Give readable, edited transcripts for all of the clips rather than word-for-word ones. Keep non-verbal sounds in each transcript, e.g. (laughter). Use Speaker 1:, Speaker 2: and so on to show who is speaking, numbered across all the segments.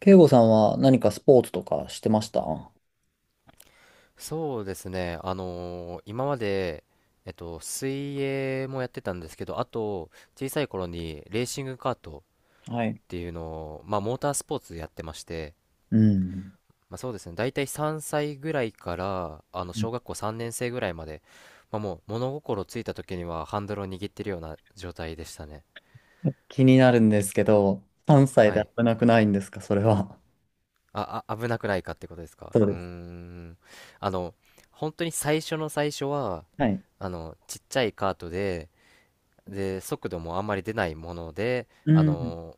Speaker 1: 慶吾さんは何かスポーツとかしてました？は
Speaker 2: そうですね。今まで、水泳もやってたんですけど、あと、小さい頃にレーシングカート
Speaker 1: い。
Speaker 2: っていうのを、モータースポーツやってまして、
Speaker 1: うん。
Speaker 2: まあ、そうですね。大体3歳ぐらいから、小学校3年生ぐらいまで、まあ、もう物心ついた時にはハンドルを握ってるような状態でしたね。
Speaker 1: 気になるんですけど、3歳
Speaker 2: は
Speaker 1: で
Speaker 2: い。
Speaker 1: 危なくないんですか、それは？
Speaker 2: 危なくないかってことですか。
Speaker 1: そう
Speaker 2: うー
Speaker 1: です。
Speaker 2: ん。あの、本当に最初の最初は、
Speaker 1: はい。
Speaker 2: ちっちゃいカートで、で、速度もあんまり出ないもので、
Speaker 1: うん。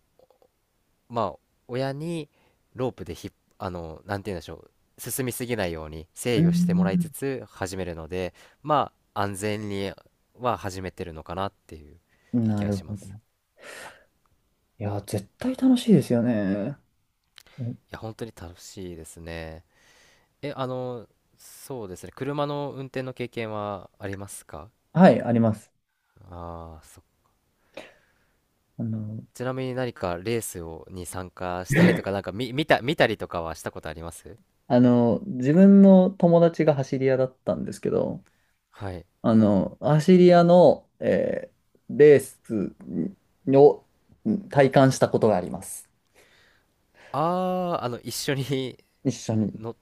Speaker 2: まあ、親にロープでひっ、あのなんて言うんでしょう、進みすぎないように
Speaker 1: う
Speaker 2: 制御してもらいつ
Speaker 1: ん。
Speaker 2: つ始めるので、まあ、安全には始めてるのかなっていう
Speaker 1: な
Speaker 2: 気が
Speaker 1: る
Speaker 2: し
Speaker 1: ほ
Speaker 2: ます。
Speaker 1: ど。いや、絶対楽しいですよね。うん。
Speaker 2: いや、本当に楽しいですね。え、あのそうですね、車の運転の経験はありますか？
Speaker 1: はい、あります。
Speaker 2: ああそ、
Speaker 1: あの、(laughs)
Speaker 2: ちなみに何かレースをに参加したりとか、見たりとかはしたことあります？
Speaker 1: あの、自分の友達が走り屋だったんですけど、
Speaker 2: はい。
Speaker 1: あの、走り屋の、レースを体感したことがあります。
Speaker 2: ああ、一緒に
Speaker 1: 一緒に。
Speaker 2: の、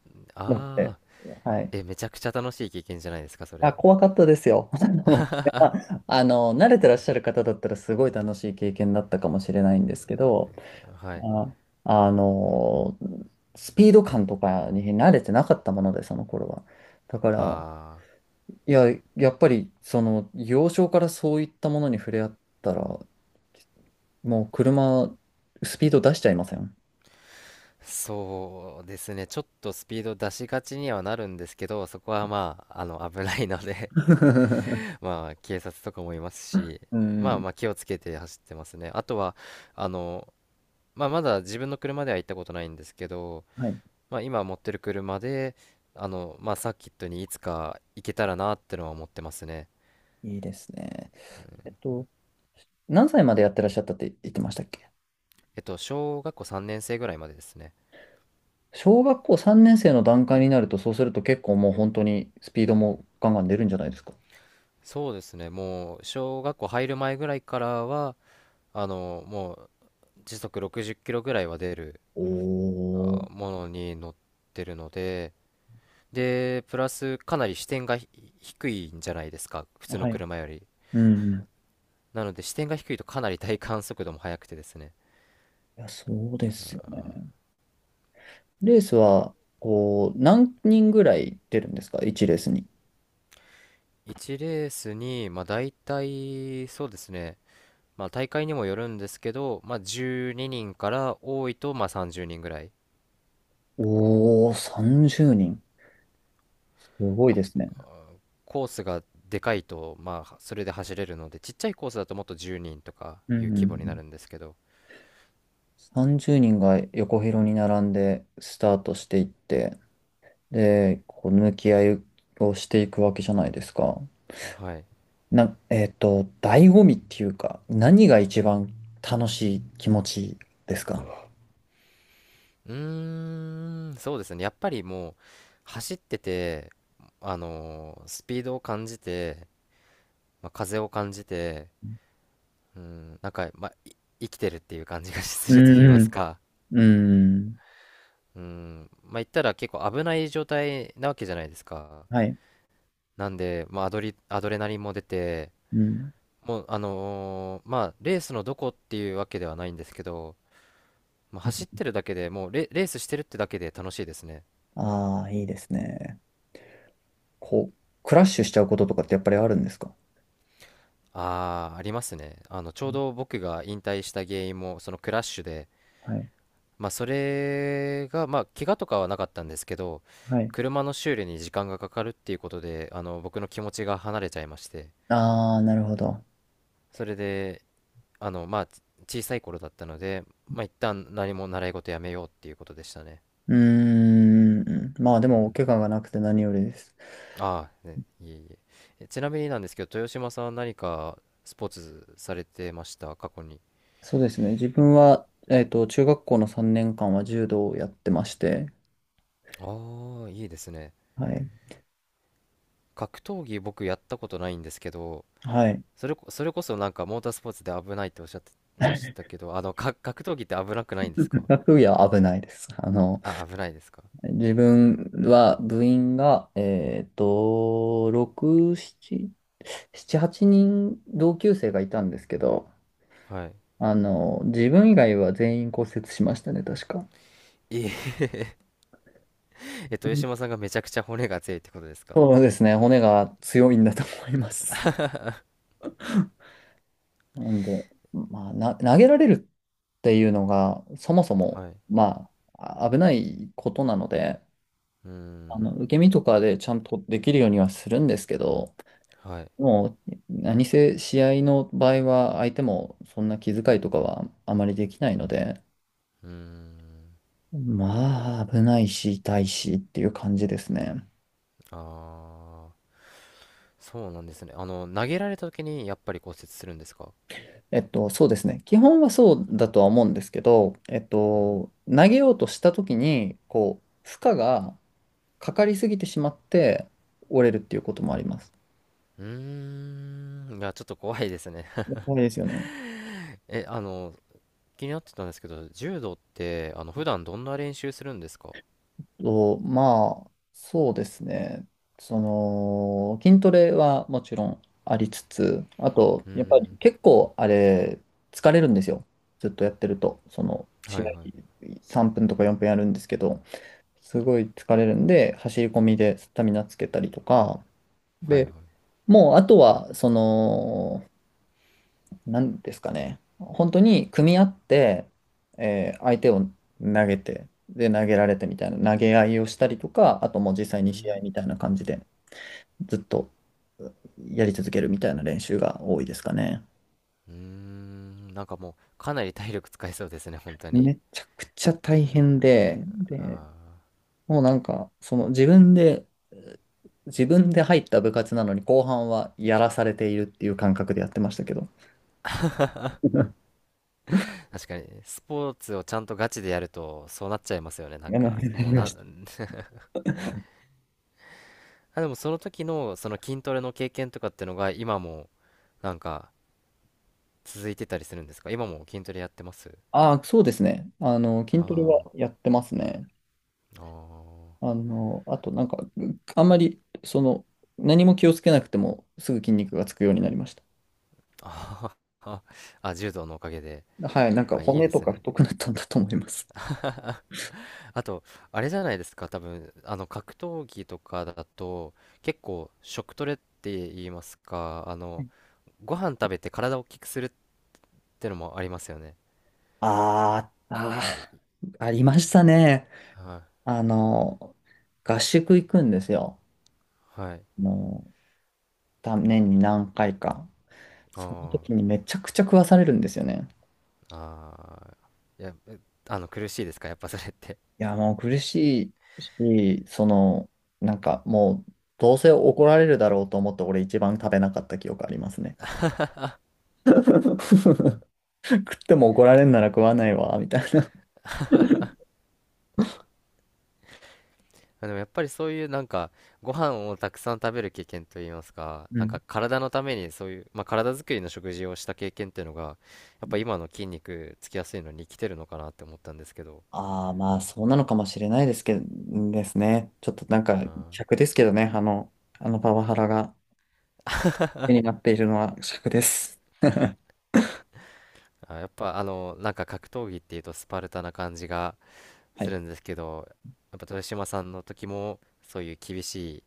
Speaker 1: な
Speaker 2: ああ、
Speaker 1: はい。
Speaker 2: え、めちゃくちゃ楽しい経験じゃないですか、そ
Speaker 1: あ、
Speaker 2: れ。
Speaker 1: 怖かったですよ。(laughs) あの、まああの慣れてらっしゃる方だったらすごい楽しい経験だったかもしれないんですけど、
Speaker 2: はい。
Speaker 1: あ、あの、スピード感とかに慣れてなかったもので、その頃は。だから、
Speaker 2: あ
Speaker 1: いや、やっぱり、その、幼少からそういったものに触れ合ったら、もう車、スピード出しちゃいません。
Speaker 2: あ、そうですね。ちょっとスピード出しがちにはなるんですけど、そこはまあ、危ないので (laughs)
Speaker 1: (laughs)
Speaker 2: まあ、警察とかもいますし、
Speaker 1: う
Speaker 2: まあ
Speaker 1: ん。
Speaker 2: まあ、気をつけて走ってますね。あとは、あの、まあ、まだ自分の車では行ったことないんですけど、
Speaker 1: はい。
Speaker 2: まあ、今持ってる車で、まあ、サーキットにいつか行けたらなってのは思ってますね。
Speaker 1: いいですね。えっと、何歳までやってらっしゃったって言ってましたっけ？
Speaker 2: えっと、小学校3年生ぐらいまでですね。
Speaker 1: 小学校3年生の段階になると、そうすると結構もう本当にスピードもガンガン出るんじゃないですか。
Speaker 2: そうですね、もう小学校入る前ぐらいからは、もう時速60キロぐらいは出る
Speaker 1: おー。
Speaker 2: ものに乗ってるので、で、プラスかなり視点が低いんじゃないですか、普通の
Speaker 1: はい。
Speaker 2: 車より。
Speaker 1: うん。
Speaker 2: なので視点が低いとかなり体感速度も速くてですね。
Speaker 1: いや、そうですよね。レースは、こう、何人ぐらい出るんですか？ 1 レースに。
Speaker 2: 1レースに、まあ大体、そうですね、まあ大会にもよるんですけど、まあ12人から多いとまあ30人ぐらい。
Speaker 1: おー、30人。すごいですね。
Speaker 2: コースがでかいと、まあ、それで走れるので、ちっちゃいコースだともっと10人とか
Speaker 1: う
Speaker 2: いう規模にな
Speaker 1: ん。
Speaker 2: るんですけど、
Speaker 1: 30人が横広に並んでスタートしていって、で、こう、抜き合いをしていくわけじゃないですか。
Speaker 2: はい。
Speaker 1: な、えっと、醍醐味っていうか、何が一番楽しい気持ちですか？
Speaker 2: うーん、そうですね。やっぱりもう、走ってて、スピードを感じて、まあ、風を感じて、うん、なんか、まあ、生きてるっていう感じが (laughs)
Speaker 1: う
Speaker 2: すると言います
Speaker 1: ん
Speaker 2: か。
Speaker 1: うん。うん。
Speaker 2: うん、まあ、言ったら結構危ない状態なわけじゃないですか。
Speaker 1: はい。
Speaker 2: なんで、まあ、アドレナリンも出て、
Speaker 1: うん。
Speaker 2: もう、まあ、レースのどこっていうわけではないんですけど、まあ、走ってるだけでもうレースしてるってだけで楽しいですね。
Speaker 1: ああー、いいですね。こう、クラッシュしちゃうこととかってやっぱりあるんですか？
Speaker 2: ああ、ありますね。ち
Speaker 1: う
Speaker 2: ょう
Speaker 1: ん。
Speaker 2: ど僕が引退した原因も、そのクラッシュで、
Speaker 1: はい。
Speaker 2: まあ、それが、まあ、怪我とかはなかったんですけど、
Speaker 1: はい。
Speaker 2: 車の修理に時間がかかるっていうことで、僕の気持ちが離れちゃいまして、
Speaker 1: ああ、なるほど。
Speaker 2: それで、まあ、小さい頃だったので、まあ、一旦何も習い事やめようっていうことでしたね。
Speaker 1: うーん。まあでも、お怪我がなくて何よりです。
Speaker 2: ああ、ね、いえいえ。ちなみになんですけど、豊島さんは何かスポーツされてました、過去に。
Speaker 1: そうですね。自分は、中学校の3年間は柔道をやってまして、
Speaker 2: ああ、いいですね。
Speaker 1: はい。
Speaker 2: 格闘技僕やったことないんですけど、
Speaker 1: はい。
Speaker 2: それこそなんかモータースポーツで危ないっておっしゃってました
Speaker 1: (laughs)
Speaker 2: けど、格闘技って危なくないんですか？
Speaker 1: 学部は危ないです。あの、
Speaker 2: あ、危ないですか？
Speaker 1: 自分は部員が、6、7、7、8人同級生がいたんですけど、
Speaker 2: はい。
Speaker 1: あの、自分以外は全員骨折しましたね、確か。
Speaker 2: いえ (laughs) えっと、豊島さんがめちゃくちゃ骨が強いってことですか？
Speaker 1: そうですね、骨が強いんだと思います。(laughs) なんで、まあ、投げられるっていうのが、そもそも、
Speaker 2: はい。
Speaker 1: まあ、危ないことなので、
Speaker 2: うー
Speaker 1: あ
Speaker 2: ん。
Speaker 1: の、受け身とかでちゃんとできるようにはするんですけど、
Speaker 2: はい。
Speaker 1: もう、何せ試合の場合は相手もそんな気遣いとかはあまりできないので、
Speaker 2: うーん。
Speaker 1: まあ、危ないし、痛いしっていう感じですね。
Speaker 2: ああ、そうなんですね。投げられた時にやっぱり骨折するんですか？
Speaker 1: そうですね。基本はそうだとは思うんですけど、
Speaker 2: うん、
Speaker 1: 投げようとした時に、こう、負荷がかかりすぎてしまって折れるっていうこともあります。
Speaker 2: うーんいや、ちょっと怖いですね。(laughs)
Speaker 1: やばいですよね。
Speaker 2: え、あの、気になってたんですけど、柔道って、普段どんな練習するんですか？
Speaker 1: と、まあ、そうですね。その、筋トレはもちろんありつつ、あと、
Speaker 2: うー
Speaker 1: やっぱり
Speaker 2: ん、
Speaker 1: 結構あれ、疲れるんですよ。ずっとやってると。その、
Speaker 2: は
Speaker 1: 試
Speaker 2: い
Speaker 1: 合
Speaker 2: はい、
Speaker 1: 3分とか4分やるんですけど、すごい疲れるんで、走り込みでスタミナつけたりとか、
Speaker 2: はいはい。
Speaker 1: で、もうあとは、その、なんですかね。本当に組み合って、相手を投げて、で、投げられてみたいな、投げ合いをしたりとか、あともう実際
Speaker 2: うー
Speaker 1: に試合
Speaker 2: ん、
Speaker 1: みたいな感じで、ずっとやり続けるみたいな練習が多いですかね。
Speaker 2: うーん、なんかもう、かなり体力使いそうですね、本当に。
Speaker 1: めちゃくちゃ大変で、で、
Speaker 2: あ
Speaker 1: もうなんか、その自分で、自分で入った部活なのに後半はやらされているっていう感覚でやってましたけど。(laughs)
Speaker 2: ー確かに、スポーツをちゃんとガチでやると、そうなっちゃいますよね、なん
Speaker 1: やめ
Speaker 2: か。もう
Speaker 1: ま
Speaker 2: な、
Speaker 1: した。
Speaker 2: (laughs) あ、でもその時の、その筋トレの経験とかってのが、今も、なんか、続いてたりするんですか？今も筋トレやってます？
Speaker 1: ああ、そうですね。あの、
Speaker 2: あ
Speaker 1: 筋トレは
Speaker 2: ー
Speaker 1: やってますね。
Speaker 2: あー
Speaker 1: あの、あとなんか、あんまり、その、何も気をつけなくても、すぐ筋肉がつくようになりました。
Speaker 2: あは、あ、柔道のおかげで。
Speaker 1: はい、なんか
Speaker 2: まあ、いい
Speaker 1: 骨
Speaker 2: で
Speaker 1: と
Speaker 2: す
Speaker 1: か
Speaker 2: ね。
Speaker 1: 太くなったんだと思います。
Speaker 2: あと、あれじゃないですか、多分、格闘技とかだと、結構、食トレって言いますか、ご飯食べて体を大きくするってのもありますよね。
Speaker 1: あーあー、ありましたね。
Speaker 2: はい。
Speaker 1: あの、合宿行くんですよ。
Speaker 2: はい。
Speaker 1: もう、年に何回か。その
Speaker 2: あ
Speaker 1: 時にめちゃくちゃ食わされるんですよね。
Speaker 2: あ、ああ、いや、えあの、苦しいですか、やっぱそれって。
Speaker 1: いや、もう苦しいし、その、なんかもう、どうせ怒られるだろうと思って、俺一番食べなかった記憶ありますね。(laughs) 食っても怒られんなら食わないわ、みたいな。
Speaker 2: まあでもやっぱりそういうなんかご飯をたくさん食べる経験といいますか、
Speaker 1: う
Speaker 2: なん
Speaker 1: ん。
Speaker 2: か体のためにそういう、まあ、体作りの食事をした経験っていうのが、やっぱ今の筋肉つきやすいのに生きてるのかなって思ったんですけど、
Speaker 1: ああ、まあ、そうなのかもしれないですけど、ですね。ちょっとなんか、
Speaker 2: あ
Speaker 1: 尺ですけどね、あのパワハラが気になっているのは尺です。(laughs) は
Speaker 2: ーあ、やっぱあのなんか格闘技っていうとスパルタな感じが
Speaker 1: い。
Speaker 2: するんですけど、やっぱ豊島さんの時もそういう厳しい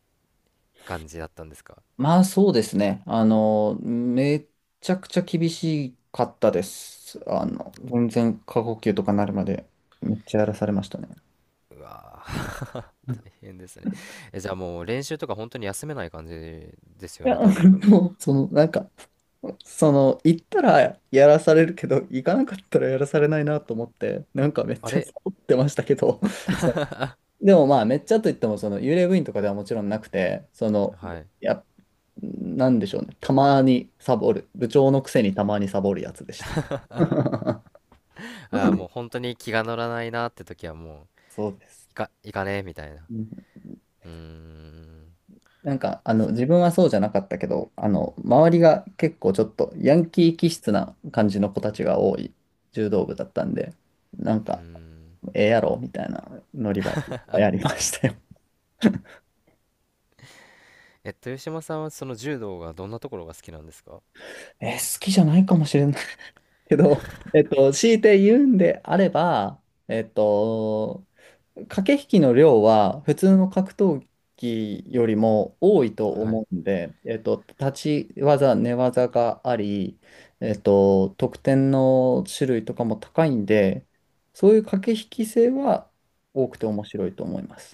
Speaker 2: 感じだったんですか？
Speaker 1: まあ、そうですね。あの、めちゃくちゃ厳しかったです。あの、全然過呼吸とかなるまで、めっちゃやらされましたね。
Speaker 2: うわー、
Speaker 1: うん。
Speaker 2: 大変ですね。
Speaker 1: (laughs)
Speaker 2: え、じゃあもう練習とか本当に休めない感じです
Speaker 1: い
Speaker 2: よ
Speaker 1: や、
Speaker 2: ね、多分。
Speaker 1: もう、その、なんか、その、行ったらやらされるけど、行かなかったらやらされないなと思って、なんかめっ
Speaker 2: あ
Speaker 1: ちゃサ
Speaker 2: れ
Speaker 1: ボってましたけど、(laughs) そうでもまあ、めっちゃといっても、その幽霊部員とかではもちろんなくて、その、
Speaker 2: はい。
Speaker 1: いや、なんでしょうね、たまにサボる、部長のくせにたまにサボるやつでした。(laughs)
Speaker 2: ああ、もう本当に気が乗らないなって時はもう、
Speaker 1: そうです。
Speaker 2: いかねえみたいな。
Speaker 1: うん。
Speaker 2: うーん、
Speaker 1: なんか、あの、
Speaker 2: そ
Speaker 1: 自分はそうじゃなかったけど、あの、周りが結構ちょっとヤンキー気質な感じの子たちが多い柔道部だったんで、なん
Speaker 2: う、うー
Speaker 1: か、
Speaker 2: ん。
Speaker 1: ええやろみたいな乗り場やりましたよ。
Speaker 2: え、豊島さんはその柔道がどんなところが好きなんですか？
Speaker 1: (laughs) え、好きじゃないかもしれないけど、(laughs) 強いて言うんであれば、えっと、駆け引きの量は普通の格闘技よりも多いと
Speaker 2: はい。
Speaker 1: 思うんで、立ち技、寝技があり、得点の種類とかも高いんで、そういう駆け引き性は多くて面白いと思います。